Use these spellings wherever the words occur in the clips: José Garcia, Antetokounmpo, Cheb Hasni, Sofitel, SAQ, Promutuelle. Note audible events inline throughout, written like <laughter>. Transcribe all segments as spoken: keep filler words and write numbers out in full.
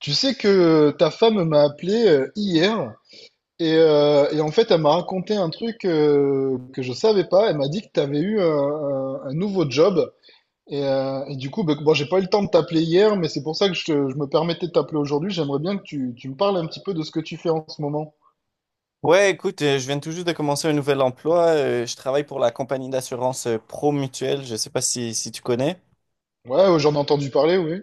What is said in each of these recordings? Tu sais que euh, ta femme m'a appelé euh, hier et, euh, et en fait elle m'a raconté un truc euh, que je savais pas. Elle m'a dit que tu avais eu un, un- un nouveau job et, euh, et du coup ben, bon j'ai pas eu le temps de t'appeler hier mais c'est pour ça que je, te- je me permettais de t'appeler aujourd'hui. J'aimerais bien que tu, tu me parles un petit peu de ce que tu fais en ce moment. Ouais, écoute, euh, je viens tout juste de commencer un nouvel emploi. Euh, je travaille pour la compagnie d'assurance euh, Promutuelle. Je sais pas si, si tu connais. Ouais, ouais, j'en ai entendu parler, oui.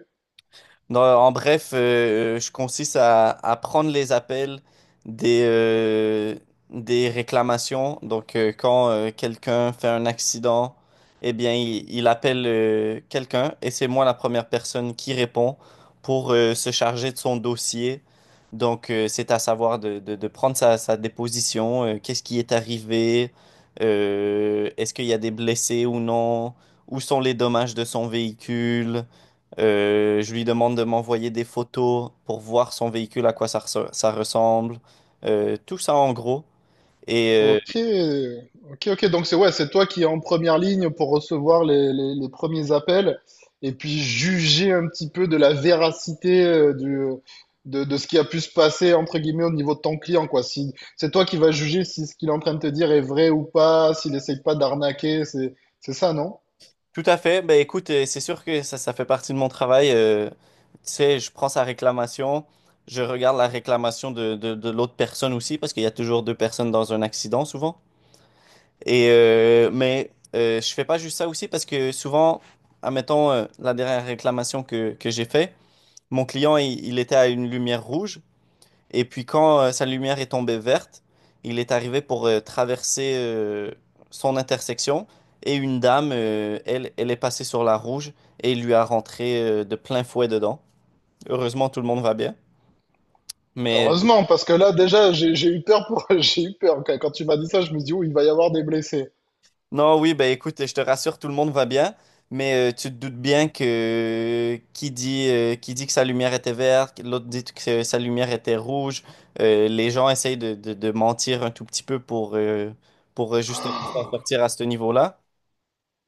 Non, en bref, euh, euh, je consiste à, à prendre les appels des, euh, des réclamations. Donc, euh, quand euh, quelqu'un fait un accident, eh bien, il, il appelle euh, quelqu'un et c'est moi la première personne qui répond pour euh, se charger de son dossier. Donc, euh, c'est à savoir de, de- de prendre sa, sa déposition, euh, qu'est-ce qui est arrivé, euh, est-ce qu'il y a des blessés ou non, où sont les dommages de son véhicule. Euh, je lui demande de m'envoyer des photos pour voir son véhicule, à quoi ça, reso- ça ressemble. Euh, tout ça en gros. Et euh, Ok, ok, ok. Donc c'est ouais, c'est toi qui es en première ligne pour recevoir les, les, les premiers appels et puis juger un petit peu de la véracité euh, du, de, de ce qui a pu se passer entre guillemets au niveau de ton client quoi. Si c'est toi qui vas juger si ce qu'il est en train de te dire est vrai ou pas, s'il essaye pas d'arnaquer, c'est c'est ça, non? Tout à fait, ben écoute, euh, c'est sûr que ça, ça fait partie de mon travail. Euh, tu sais, je prends sa réclamation, je regarde la réclamation de, de, de l'autre personne aussi, parce qu'il y a toujours deux personnes dans un accident souvent. Et euh, mais euh, je fais pas juste ça aussi parce que souvent, admettons, euh, la dernière réclamation que, que j'ai fait, mon client, il il était à une lumière rouge. Et puis quand euh, sa lumière est tombée verte, il est arrivé pour euh, traverser euh, son intersection et une dame, euh, elle, elle est passée sur la rouge et il lui a rentré euh, de plein fouet dedans. Heureusement, tout le monde va bien. Mais Heureusement, parce que là déjà j'ai j'ai eu peur pour <laughs> j'ai eu peur quand quand tu m'as dit ça, je me suis dit oh, il va y avoir des blessés. non, oui, ben écoute, je te rassure, tout le monde va bien. Mais euh, tu te doutes bien que qui dit, euh, qui dit que sa lumière était verte, l'autre dit que sa lumière était rouge. Euh, les gens essayent de, de- de mentir un tout petit peu pour, euh, pour euh, justement s'en sortir à ce niveau-là.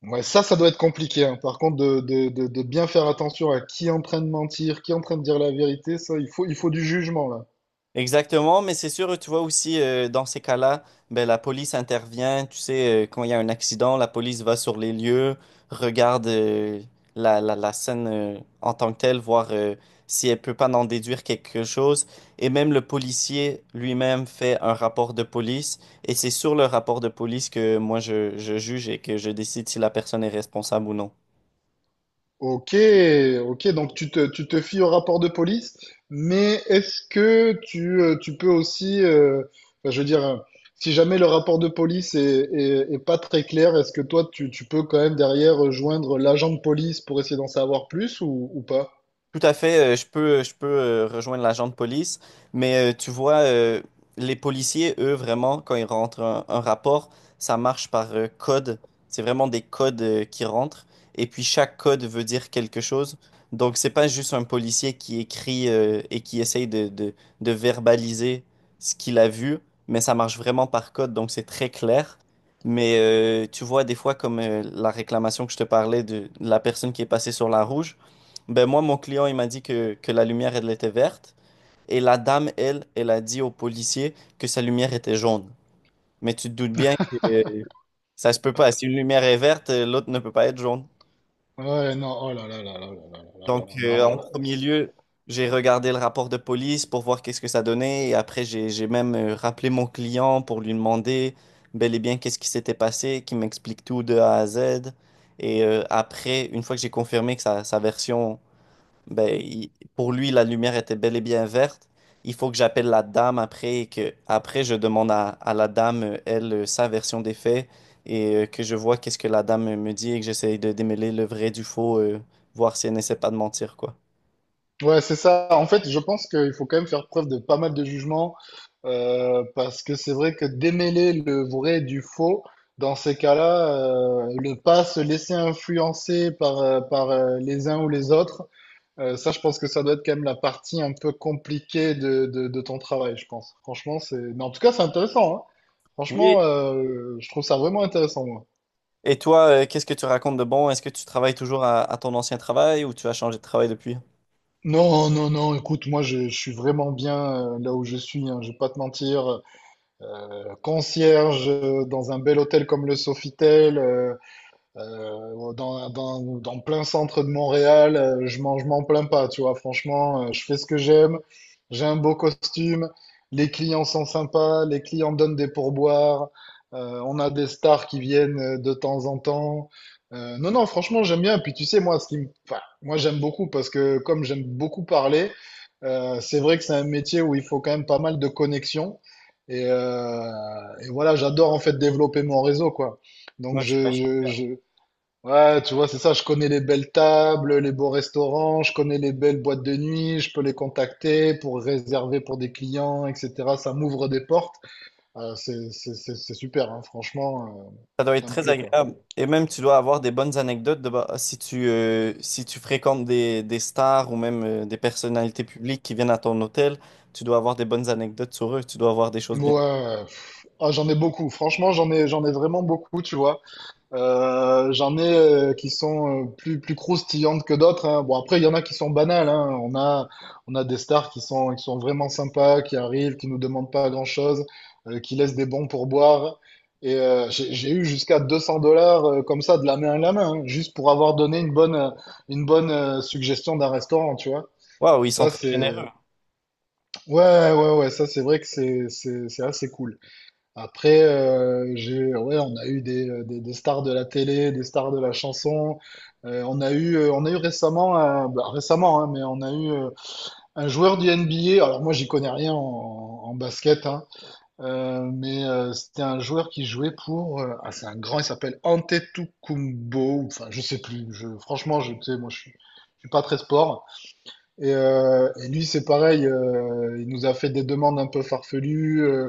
Ouais, ça, ça doit être compliqué, hein. Par contre, de, de, de, de bien faire attention à qui est en train de mentir, qui est en train de dire la vérité, ça, il faut, il faut du jugement, là. Exactement, mais c'est sûr, tu vois aussi, euh, dans ces cas-là, ben, la police intervient, tu sais, euh, quand il y a un accident, la police va sur les lieux, regarde euh, la, la, la scène euh, en tant que telle, voir euh, si elle peut pas en déduire quelque chose, et même le policier lui-même fait un rapport de police, et c'est sur le rapport de police que moi je, je juge et que je décide si la personne est responsable ou non. Ok, ok, donc tu te, tu te fies au rapport de police, mais est-ce que tu, euh, tu peux aussi, euh, enfin, je veux dire, euh, si jamais le rapport de police est, est, est pas très clair, est-ce que toi, tu, tu peux quand même derrière joindre l'agent de police pour essayer d'en savoir plus ou, ou pas? Tout à fait, euh, je peux, je peux euh, rejoindre l'agent de police, mais euh, tu vois, euh, les policiers, eux, vraiment, quand ils rentrent un, un rapport, ça marche par euh, code. C'est vraiment des codes euh, qui rentrent, et puis chaque code veut dire quelque chose. Donc, c'est pas juste un policier qui écrit euh, et qui essaye de, de, de verbaliser ce qu'il a vu, mais ça marche vraiment par code, donc c'est très clair. Mais euh, tu vois, des fois, comme euh, la réclamation que je te parlais de la personne qui est passée sur la rouge, ben moi, mon client, il m'a dit que, que la lumière, elle était verte. Et la dame, elle, elle a dit au policier que sa lumière était jaune. Mais tu te doutes bien que euh, ça se peut pas. Si une lumière est verte, euh, l'autre ne peut pas être jaune. Ouais, non, oh là là là là là là là là Bon, donc, là, mais euh, alors en là. premier lieu, j'ai regardé le rapport de police pour voir qu'est-ce que ça donnait. Et après, j'ai, j'ai même euh, rappelé mon client pour lui demander bel et bien qu'est-ce qui s'était passé, qu'il m'explique tout de A à Z. Et euh, après, une fois que j'ai confirmé que sa sa version, ben, il- pour lui, la lumière était bel et bien verte. Il faut que j'appelle la dame après et que après je demande à, à la dame, euh, elle, euh, sa version des faits et euh, que je vois qu'est-ce que la dame euh, me dit et que j'essaye de démêler le vrai du faux, euh, voir si elle n'essaie pas de mentir, quoi. Ouais, c'est ça. En fait, je pense qu'il faut quand même faire preuve de pas mal de jugement, euh, parce que c'est vrai que démêler le vrai du faux, dans ces cas-là, euh, ne pas se laisser influencer par, euh, par euh, les uns ou les autres, euh, ça, je pense que ça doit être quand même la partie un peu compliquée de, de, de ton travail, je pense. Franchement, c'est... Mais en tout cas, c'est intéressant, hein. Franchement, Oui. euh, je trouve ça vraiment intéressant, moi. Et toi, euh, qu'est-ce que tu racontes de bon? Est-ce que tu travailles toujours à, à ton ancien travail ou tu as changé de travail depuis? Non, non, non, écoute, moi je, je suis vraiment bien euh, là où je suis, hein, je vais pas te mentir. Concierge dans un bel hôtel comme le Sofitel, euh, euh, dans, dans, dans plein centre de Montréal, euh, je mange, je m'en plains pas, tu vois. Franchement, euh, je fais ce que j'aime, j'ai un beau costume, les clients sont sympas, les clients donnent des pourboires, euh, on a des stars qui viennent euh, de temps en temps. Euh, non, non, franchement, j'aime bien. Puis tu sais, moi, ce qui me... enfin, moi, j'aime beaucoup parce que comme j'aime beaucoup parler, euh, c'est vrai que c'est un métier où il faut quand même pas mal de connexions. Et, euh, et voilà, j'adore en fait développer mon réseau, quoi. Donc Ouais, je, je, je, ouais, tu vois, c'est ça, je connais les belles tables, les beaux restaurants, je connais les belles boîtes de nuit, je peux les contacter pour réserver pour des clients, et cetera. Ça m'ouvre des portes. Euh, c'est, c'est, c'est c'est super, hein, franchement, euh, ça doit être ça me très plaît, quoi. agréable. Et même, tu dois avoir des bonnes anecdotes de, bah, si tu, euh, si tu fréquentes des, des stars ou même euh, des personnalités publiques qui viennent à ton hôtel, tu dois avoir des bonnes anecdotes sur eux. Tu dois avoir des choses bien. Ouais, pff, ah, j'en ai beaucoup, franchement, j'en ai, j'en ai vraiment beaucoup, tu vois. Euh, j'en ai euh, qui sont euh, plus, plus croustillantes que d'autres, hein. Bon, après, il y en a qui sont banales, hein. On a, on a des stars qui sont, qui sont vraiment sympas, qui arrivent, qui nous demandent pas grand-chose, euh, qui laissent des bons pourboires. Et euh, j'ai j'ai eu jusqu'à deux cents dollars euh, comme ça de la main à la main, hein, juste pour avoir donné une bonne, euh, une bonne euh, suggestion d'un restaurant, tu vois. Waouh, ils sont Ça, très c'est... généreux. Ouais, ouais, ouais, ça, c'est vrai que c'est, c'est, c'est assez cool. Après, euh, j'ai, ouais, on a eu des, euh, des, des stars de la télé, des stars de la chanson. Euh, on a eu, euh, on a eu récemment, un- bah, récemment, hein, mais on a eu euh, un joueur du N B A. Alors moi, j'y connais rien en, en basket, hein, euh, mais euh, c'était un joueur qui jouait pour, euh, ah, c'est un grand, il s'appelle Antetokounmpo. Enfin, je sais plus. Je, franchement, je, tu sais, moi, je suis, je suis pas très sport. Et, euh, et lui, c'est pareil, euh, il nous a fait des demandes un peu farfelues, euh,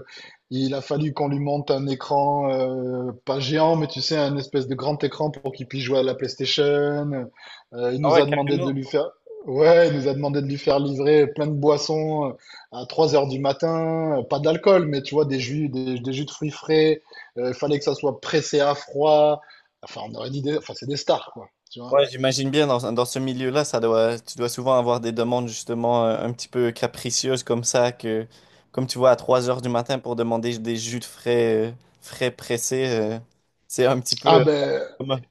il a fallu qu'on lui monte un écran, euh, pas géant, mais tu sais, un espèce de grand écran pour qu'il puisse jouer à la PlayStation. Euh, il Ah nous ouais, a demandé de carrément. lui faire, ouais, il nous a demandé de lui faire livrer plein de boissons euh, à trois heures du matin. Euh, Pas d'alcool, mais tu vois, des jus, des, des jus de fruits frais. Euh, Il fallait que ça soit pressé à froid. Enfin, on aurait dit, des... enfin, c'est des stars, quoi. Tu vois. Ouais, j'imagine bien dans, dans ce milieu-là, ça doit, tu dois souvent avoir des demandes justement euh, un petit peu capricieuses comme ça, que comme tu vois à trois heures du matin pour demander des jus de frais, euh, frais pressés, euh, c'est un petit Ah peu. euh, ben, comme-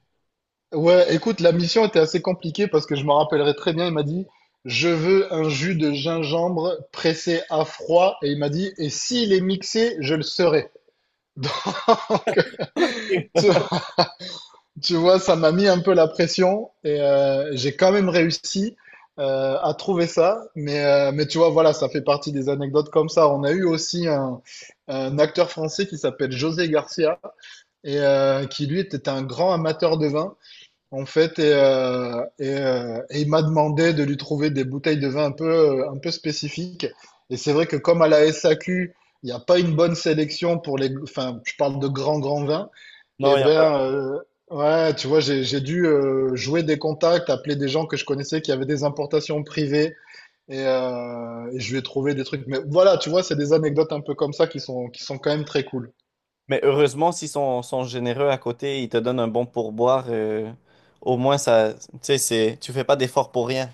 ouais, écoute, la mission était assez compliquée parce que je m'en rappellerai très bien. Il m'a dit, je veux un jus de gingembre pressé à froid. Et il m'a dit, et s'il est mixé, je le serai. Donc, <laughs> tu, tu vois, ça m'a mis un peu la pression et euh, j'ai quand même réussi euh, à trouver ça. Mais, euh, mais tu vois, voilà, ça fait partie des anecdotes comme ça. On a eu aussi un, un acteur français qui s'appelle José Garcia et euh, qui, lui, était un grand amateur de vin, en fait, et, euh, et, euh, et il m'a demandé de lui trouver des bouteilles de vin un peu, euh, un peu spécifiques. Et c'est vrai que comme à la S A Q, il n'y a pas une bonne sélection pour les, enfin, je parle de grands, grands vins. Non, Et il n'y a ben, euh, ouais, tu vois, j'ai, j'ai dû euh, jouer des contacts, appeler des gens que je connaissais qui avaient des importations privées, et, euh, et je lui ai trouvé des trucs. Mais voilà, tu vois, c'est des anecdotes un peu comme ça qui sont, qui sont quand même très cool. mais heureusement, s'ils sont, sont généreux à côté, ils te donnent un bon pourboire. Euh, au moins, ça, tu sais, c'est, tu fais pas d'effort pour rien.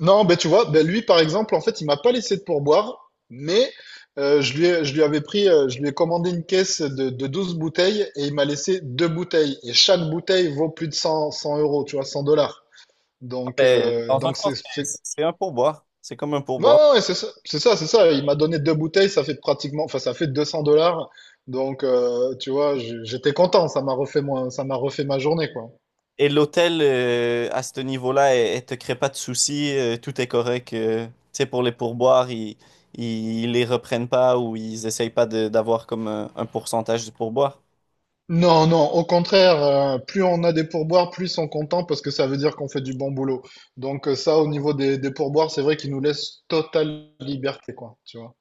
Non, ben tu vois, ben lui par exemple, en fait, il m'a pas laissé de pourboire, mais euh, je lui ai- je lui avais pris, euh, je lui ai commandé une caisse de, de douze bouteilles et il m'a laissé deux bouteilles. Et chaque bouteille vaut plus de cent cent euros, tu vois, cent dollars. Ah, Donc, ben, euh, dans un donc sens, c'est, c'est... c'est c'est un pourboire. C'est comme un Ouais, pourboire. ouais, ouais, c'est ça, c'est ça, c'est ça. Il m'a donné deux bouteilles, ça fait pratiquement, enfin, ça fait deux cents dollars. Donc, euh, tu vois, j'- j'étais content, ça m'a refait, mon, ça m'a refait ma journée, quoi. Et l'hôtel euh, à ce niveau-là, elle, elle te crée pas de soucis, euh, tout est correct. Euh, tu sais, pour les pourboires, ils, ils, ils les reprennent pas ou ils essayent pas de- d'avoir comme un, un pourcentage du pourboire. Non, non, au contraire, euh, plus on a des pourboires, plus ils sont contents parce que ça veut dire qu'on fait du bon boulot. Donc euh, ça, au niveau des, des pourboires, c'est vrai qu'ils nous laissent totale liberté, quoi, tu vois.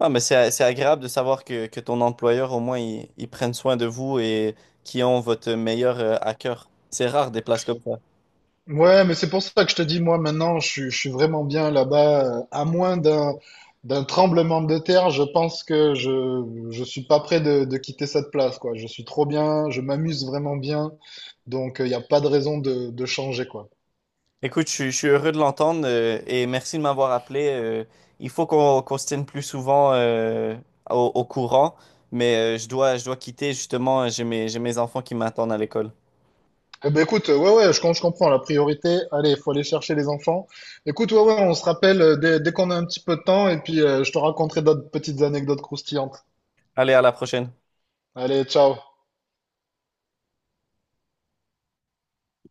Ah, mais c'est, c'est agréable de savoir que, que ton employeur, au moins, ils, ils prennent soin de vous et qui ont votre meilleur euh, à cœur. C'est rare des places comme ça. Ouais, mais c'est pour ça que je te dis, moi, maintenant, je, suis- je suis vraiment bien là-bas, euh. À moins d'un d'un tremblement de terre, je pense que je je suis pas prêt de, de quitter cette place, quoi. Je suis trop bien, je m'amuse vraiment bien, donc il n'y a pas de raison de, de changer, quoi. Écoute, je, suis je suis heureux de l'entendre euh, et merci de m'avoir appelé. Euh, il faut qu'on qu'on se tienne plus souvent euh, au, au courant, mais euh, je dois, je dois quitter justement. J'ai mes, j'ai mes enfants qui m'attendent à l'école. Eh ben écoute, euh, ouais, ouais, je, com- je comprends la priorité. Allez, il faut aller chercher les enfants. Écoute, ouais, ouais, on se rappelle euh, dès, dès qu'on a un petit peu de temps et puis euh, je te raconterai d'autres petites anecdotes croustillantes. Allez, à la prochaine. Allez, ciao.